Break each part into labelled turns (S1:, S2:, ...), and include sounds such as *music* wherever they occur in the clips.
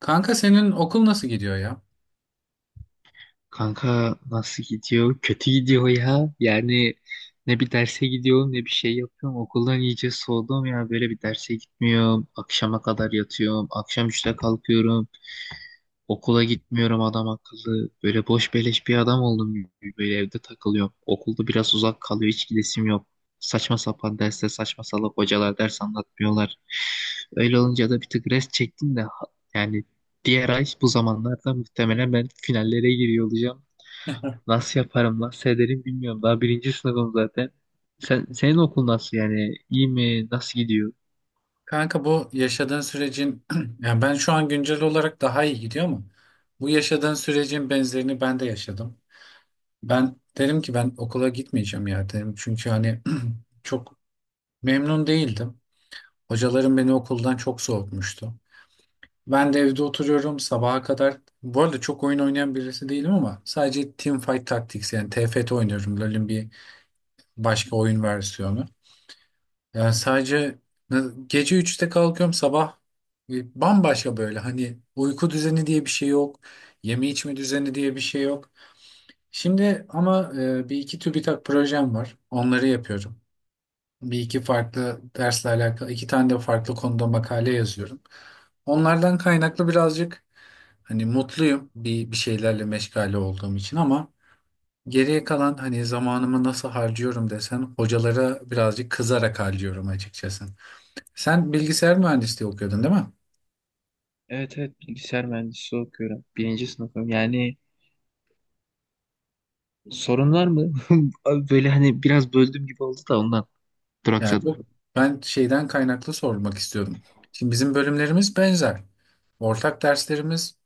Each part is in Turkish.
S1: Kanka senin okul nasıl gidiyor ya?
S2: Kanka nasıl gidiyor? Kötü gidiyor ya. Ne bir derse gidiyorum ne bir şey yapıyorum. Okuldan iyice soğudum ya. Böyle bir derse gitmiyorum. Akşama kadar yatıyorum. Akşam üçte kalkıyorum. Okula gitmiyorum adam akıllı. Böyle boş beleş bir adam oldum gibi. Böyle evde takılıyorum. Okulda biraz uzak kalıyor. Hiç gidesim yok. Saçma sapan derste saçma salak hocalar ders anlatmıyorlar. Öyle olunca da bir tık rest çektim de yani diğer ay bu zamanlarda muhtemelen ben finallere giriyor olacağım. Nasıl yaparım, nasıl ederim bilmiyorum. Daha birinci sınıfım zaten. Senin okul nasıl yani? İyi mi? Nasıl gidiyor?
S1: Kanka bu yaşadığın sürecin *clears throat* ben şu an güncel olarak daha iyi gidiyor mu? Bu yaşadığın sürecin benzerini ben de yaşadım. Ben dedim ki ben okula gitmeyeceğim ya dedim. Çünkü hani *clears throat* çok memnun değildim. Hocalarım beni okuldan çok soğutmuştu. Ben de evde oturuyorum sabaha kadar. Bu arada çok oyun oynayan birisi değilim ama sadece Teamfight Tactics yani TFT oynuyorum. LoL'ün bir başka oyun versiyonu. Yani sadece ne- Gece 3'te kalkıyorum sabah. Bambaşka, böyle hani uyku düzeni diye bir şey yok. Yeme içme düzeni diye bir şey yok. Şimdi ama bir iki TÜBİTAK projem var. Onları yapıyorum. Bir iki farklı dersle alakalı iki tane de farklı konuda makale yazıyorum. Onlardan kaynaklı birazcık hani mutluyum bir şeylerle meşgale olduğum için, ama geriye kalan hani zamanımı nasıl harcıyorum desen, hocalara birazcık kızarak harcıyorum açıkçası. Sen bilgisayar mühendisliği okuyordun değil mi?
S2: Evet, evet, bilgisayar mühendisliği okuyorum. Birinci sınıfım. Yani sorun var mı? *laughs* Abi, böyle hani biraz böldüm gibi oldu da ondan
S1: Yani
S2: duraksadım.
S1: bu, ben şeyden kaynaklı sormak istiyordum. Şimdi bizim bölümlerimiz benzer. Ortak derslerimiz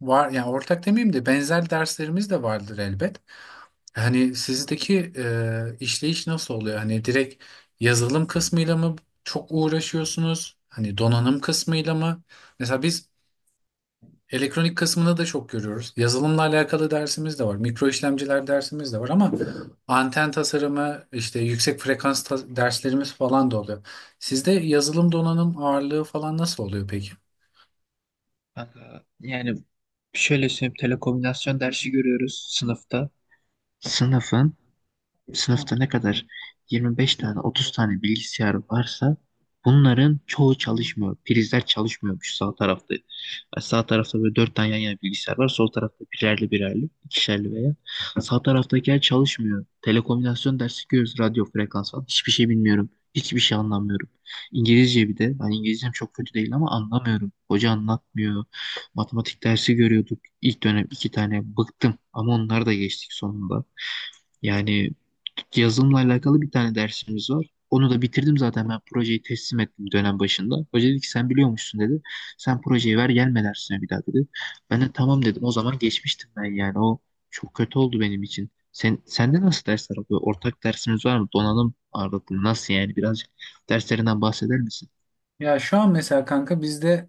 S1: var. Yani ortak demeyeyim de, benzer derslerimiz de vardır elbet. Hani sizdeki işleyiş nasıl oluyor? Hani direkt yazılım kısmıyla mı çok uğraşıyorsunuz? Hani donanım kısmıyla mı? Mesela biz elektronik kısmında da çok görüyoruz. Yazılımla alakalı dersimiz de var. Mikro işlemciler dersimiz de var, ama anten tasarımı, işte derslerimiz falan da oluyor. Sizde yazılım donanım ağırlığı falan nasıl oluyor peki?
S2: Kanka, yani şöyle söyleyeyim, telekomünikasyon dersi görüyoruz sınıfta. Sınıfın. Sınıfta ne kadar 25 tane 30 tane bilgisayar varsa bunların çoğu çalışmıyor. Prizler çalışmıyormuş sağ tarafta. Yani sağ tarafta böyle 4 tane yan yana bilgisayar var. Sol tarafta birerli birerli, ikişerli veya. Sağ taraftakiler çalışmıyor. Telekomünikasyon dersi görüyoruz. Radyo frekans falan. Hiçbir şey bilmiyorum. Hiçbir şey anlamıyorum. İngilizce bir de. Hani İngilizcem çok kötü değil ama anlamıyorum. Hoca anlatmıyor. Matematik dersi görüyorduk. İlk dönem iki tane bıktım. Ama onlar da geçtik sonunda. Yani yazılımla alakalı bir tane dersimiz var. Onu da bitirdim zaten, ben projeyi teslim ettim dönem başında. Hoca dedi ki sen biliyormuşsun dedi. Sen projeyi ver, gelme dersine bir daha dedi. Ben de tamam dedim. O zaman geçmiştim ben yani. O çok kötü oldu benim için. Sende nasıl dersler oluyor? Ortak dersiniz var mı? Donanım ağırlıklı nasıl yani? Birazcık derslerinden bahseder misin?
S1: Ya şu an mesela kanka bizde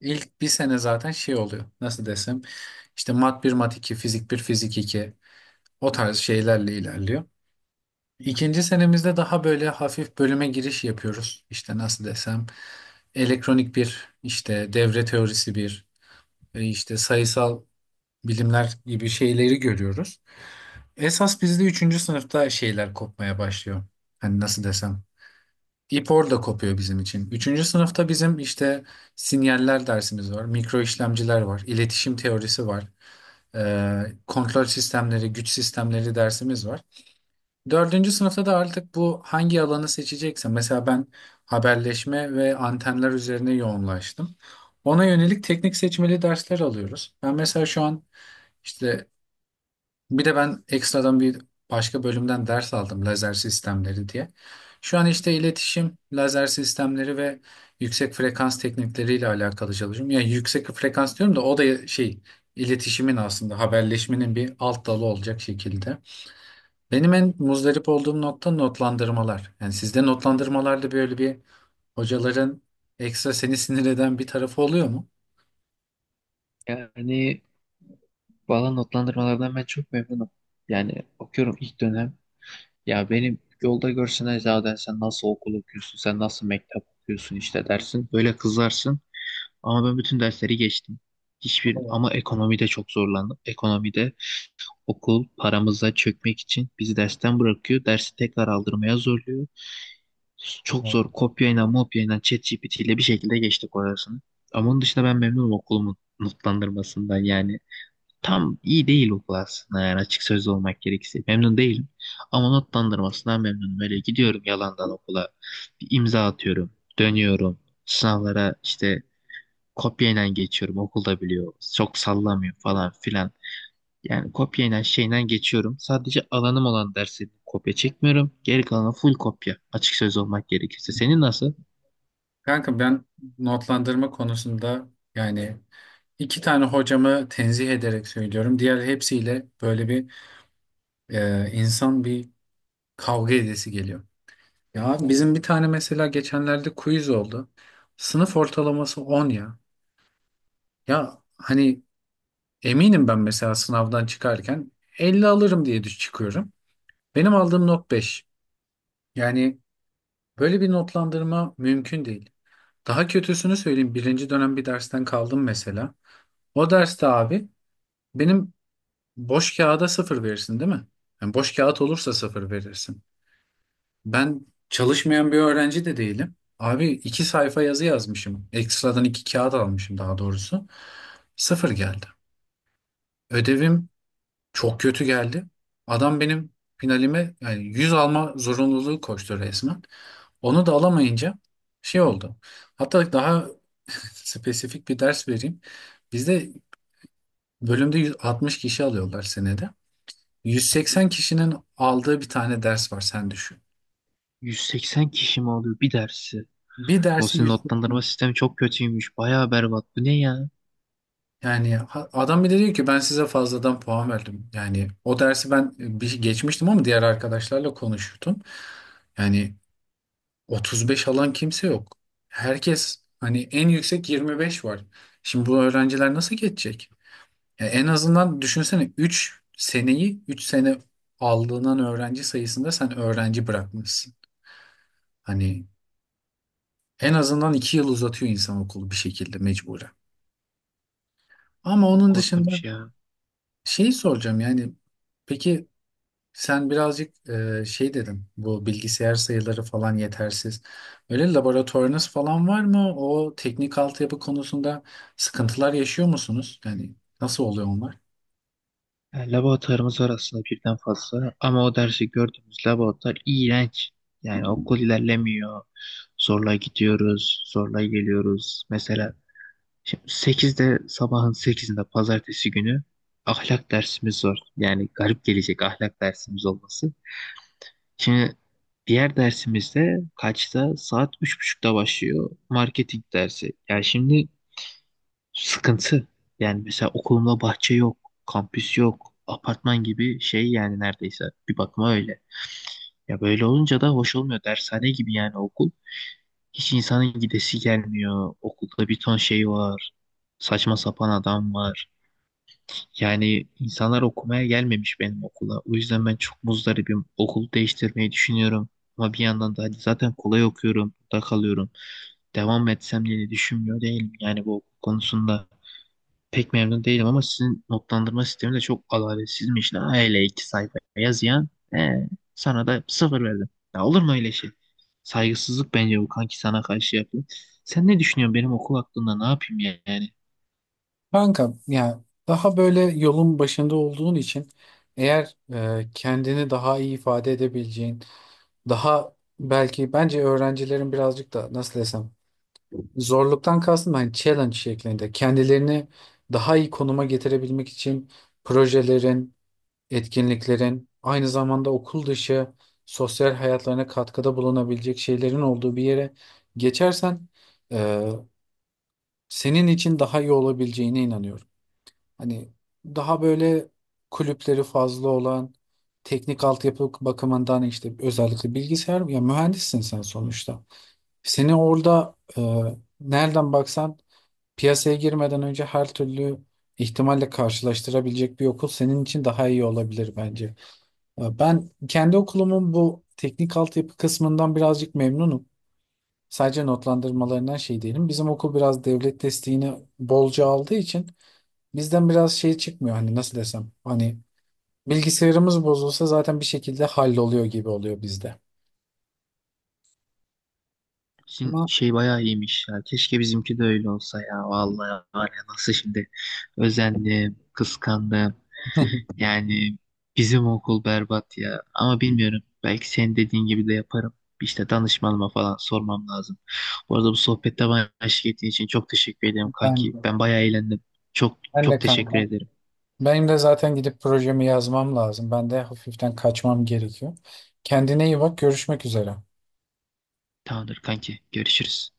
S1: ilk bir sene zaten şey oluyor. Nasıl desem? İşte mat bir, mat 2, fizik bir, fizik iki, o tarz şeylerle ilerliyor. İkinci senemizde daha böyle hafif bölüme giriş yapıyoruz. İşte nasıl desem? Elektronik bir, işte devre teorisi bir. İşte sayısal bilimler gibi şeyleri görüyoruz. Esas bizde üçüncü sınıfta şeyler kopmaya başlıyor. Hani nasıl desem. İp orada kopuyor bizim için. Üçüncü sınıfta bizim işte sinyaller dersimiz var, mikro işlemciler var, iletişim teorisi var, kontrol sistemleri, güç sistemleri dersimiz var. Dördüncü sınıfta da artık bu hangi alanı seçecekse, mesela ben haberleşme ve antenler üzerine yoğunlaştım. Ona yönelik teknik seçmeli dersler alıyoruz. Ben mesela şu an işte, bir de ben ekstradan bir başka bölümden ders aldım, lazer sistemleri diye. Şu an işte iletişim, lazer sistemleri ve yüksek frekans teknikleriyle alakalı çalışıyorum. Yani yüksek frekans diyorum da, o da şey, iletişimin, aslında haberleşmenin bir alt dalı olacak şekilde. Benim en muzdarip olduğum nokta notlandırmalar. Yani sizde notlandırmalarda böyle bir hocaların ekstra seni sinir eden bir tarafı oluyor mu?
S2: Yani valla notlandırmalardan ben çok memnunum. Yani okuyorum ilk dönem. Ya benim yolda görsen zaten sen nasıl okul okuyorsun, sen nasıl mektep okuyorsun işte dersin. Böyle kızarsın. Ama ben bütün dersleri geçtim. Hiçbir
S1: Evet,
S2: ama ekonomide çok zorlandım. Ekonomide okul paramıza çökmek için bizi dersten bırakıyor. Dersi tekrar aldırmaya zorluyor. Çok
S1: evet.
S2: zor, kopyayla mopyayla ChatGPT ile bir şekilde geçtik orasını. Ama onun dışında ben memnunum okulumun notlandırmasından. Yani tam iyi değil okul aslında, yani açık sözlü olmak gerekirse. Memnun değilim ama notlandırmasından memnunum. Öyle gidiyorum yalandan okula, bir imza atıyorum, dönüyorum, sınavlara işte kopyayla geçiyorum, okulda biliyor, çok sallamıyor falan filan. Yani kopyayla şeyle geçiyorum. Sadece alanım olan dersi kopya çekmiyorum. Geri kalanı full kopya. Açık söz olmak gerekirse. Senin nasıl?
S1: Kanka ben notlandırma konusunda, yani İki tane hocamı tenzih ederek söylüyorum. Diğer hepsiyle böyle bir insan bir kavga edesi geliyor. Ya bizim bir tane mesela geçenlerde quiz oldu. Sınıf ortalaması 10 ya. Ya hani eminim ben mesela sınavdan çıkarken 50 alırım diye düş çıkıyorum. Benim aldığım not 5. Yani böyle bir notlandırma mümkün değil. Daha kötüsünü söyleyeyim. Birinci dönem bir dersten kaldım mesela. O derste abi benim, boş kağıda sıfır verirsin değil mi? Yani boş kağıt olursa sıfır verirsin. Ben çalışmayan bir öğrenci de değilim. Abi iki sayfa yazı yazmışım. Ekstradan iki kağıt almışım daha doğrusu. Sıfır geldi. Ödevim çok kötü geldi. Adam benim finalime, yani 100 alma zorunluluğu koştu resmen. Onu da alamayınca şey oldu. Hatta daha *laughs* spesifik bir ders vereyim. Bizde bölümde 160 kişi alıyorlar senede. 180 kişinin aldığı bir tane ders var sen düşün.
S2: 180 kişi mi oluyor bir dersi?
S1: Bir
S2: O
S1: dersi
S2: sizin
S1: 100,
S2: notlandırma sistemi çok kötüymüş. Bayağı berbat. Bu ne ya?
S1: adam bile diyor ki ben size fazladan puan verdim. Yani o dersi ben bir geçmiştim, ama diğer arkadaşlarla konuşuyordum. Yani 35 alan kimse yok. Herkes, hani en yüksek 25 var. Şimdi bu öğrenciler nasıl geçecek? Ya en azından düşünsene, 3 seneyi 3 sene aldığından öğrenci sayısında sen öğrenci bırakmışsın. Hani en azından iki yıl uzatıyor insan okulu bir şekilde mecburen. Ama
S2: Çok
S1: onun dışında
S2: korkunç ya.
S1: şeyi soracağım, yani peki sen birazcık şey dedin, bu bilgisayar sayıları falan yetersiz. Öyle laboratuvarınız falan var mı? O teknik altyapı konusunda sıkıntılar yaşıyor musunuz? Yani nasıl oluyor onlar?
S2: Yani laboratuvarımız var aslında birden fazla ama o dersi gördüğümüz laboratuvar iğrenç. Yani okul ilerlemiyor. Zorla gidiyoruz, zorla geliyoruz. Mesela şimdi sekizde, sabahın sekizinde pazartesi günü ahlak dersimiz var. Yani garip gelecek ahlak dersimiz olması. Şimdi diğer dersimizde kaçta? Saat üç buçukta başlıyor. Marketing dersi. Yani şimdi sıkıntı. Yani mesela okulumda bahçe yok, kampüs yok, apartman gibi şey yani neredeyse bir bakıma öyle. Ya böyle olunca da hoş olmuyor. Dershane gibi yani okul. Hiç insanın gidesi gelmiyor. Okulda bir ton şey var. Saçma sapan adam var. Yani insanlar okumaya gelmemiş benim okula. O yüzden ben çok muzdaribim. Okul değiştirmeyi düşünüyorum. Ama bir yandan da hadi zaten kolay okuyorum. Burada kalıyorum. Devam etsem diye de düşünmüyor değilim. Yani bu okul konusunda pek memnun değilim ama sizin notlandırma sistemi de çok adaletsizmiş lan. Hele iki sayfa yazıyan ee, sana da sıfır verdim. Ya olur mu öyle şey? Saygısızlık bence bu kanki, sana karşı yapılan. Sen ne düşünüyorsun benim okul hakkında, ne yapayım yani?
S1: Kanka ya, daha böyle yolun başında olduğun için, eğer kendini daha iyi ifade edebileceğin, daha, belki bence öğrencilerin birazcık da nasıl desem, zorluktan kastım hani challenge şeklinde. Kendilerini daha iyi konuma getirebilmek için projelerin, etkinliklerin, aynı zamanda okul dışı sosyal hayatlarına katkıda bulunabilecek şeylerin olduğu bir yere geçersen, e, senin için daha iyi olabileceğine inanıyorum. Hani daha böyle kulüpleri fazla olan, teknik altyapı bakımından işte özellikle bilgisayar, ya mühendissin sen sonuçta. Seni orada nereden baksan piyasaya girmeden önce her türlü ihtimalle karşılaştırabilecek bir okul senin için daha iyi olabilir bence. Ben kendi okulumun bu teknik altyapı kısmından birazcık memnunum. Sadece notlandırmalarından şey değilim. Bizim okul biraz devlet desteğini bolca aldığı için bizden biraz şey çıkmıyor. Hani nasıl desem, hani bilgisayarımız bozulsa zaten bir şekilde halloluyor gibi oluyor bizde.
S2: Sizin
S1: Ama
S2: şey bayağı iyiymiş ya. Keşke bizimki de öyle olsa ya. Vallahi var ya, nasıl şimdi özendim, kıskandım.
S1: *laughs*
S2: Yani bizim okul berbat ya. Ama bilmiyorum. Belki senin dediğin gibi de yaparım. İşte danışmanıma falan sormam lazım. Bu arada bu sohbette bana eşlik ettiğin için çok teşekkür ederim
S1: ben
S2: kanki.
S1: de,
S2: Ben bayağı eğlendim. Çok
S1: ben de
S2: çok
S1: kanka.
S2: teşekkür ederim.
S1: Benim de zaten gidip projemi yazmam lazım. Ben de hafiften kaçmam gerekiyor. Kendine iyi bak, görüşmek üzere.
S2: Tamamdır kanki. Görüşürüz.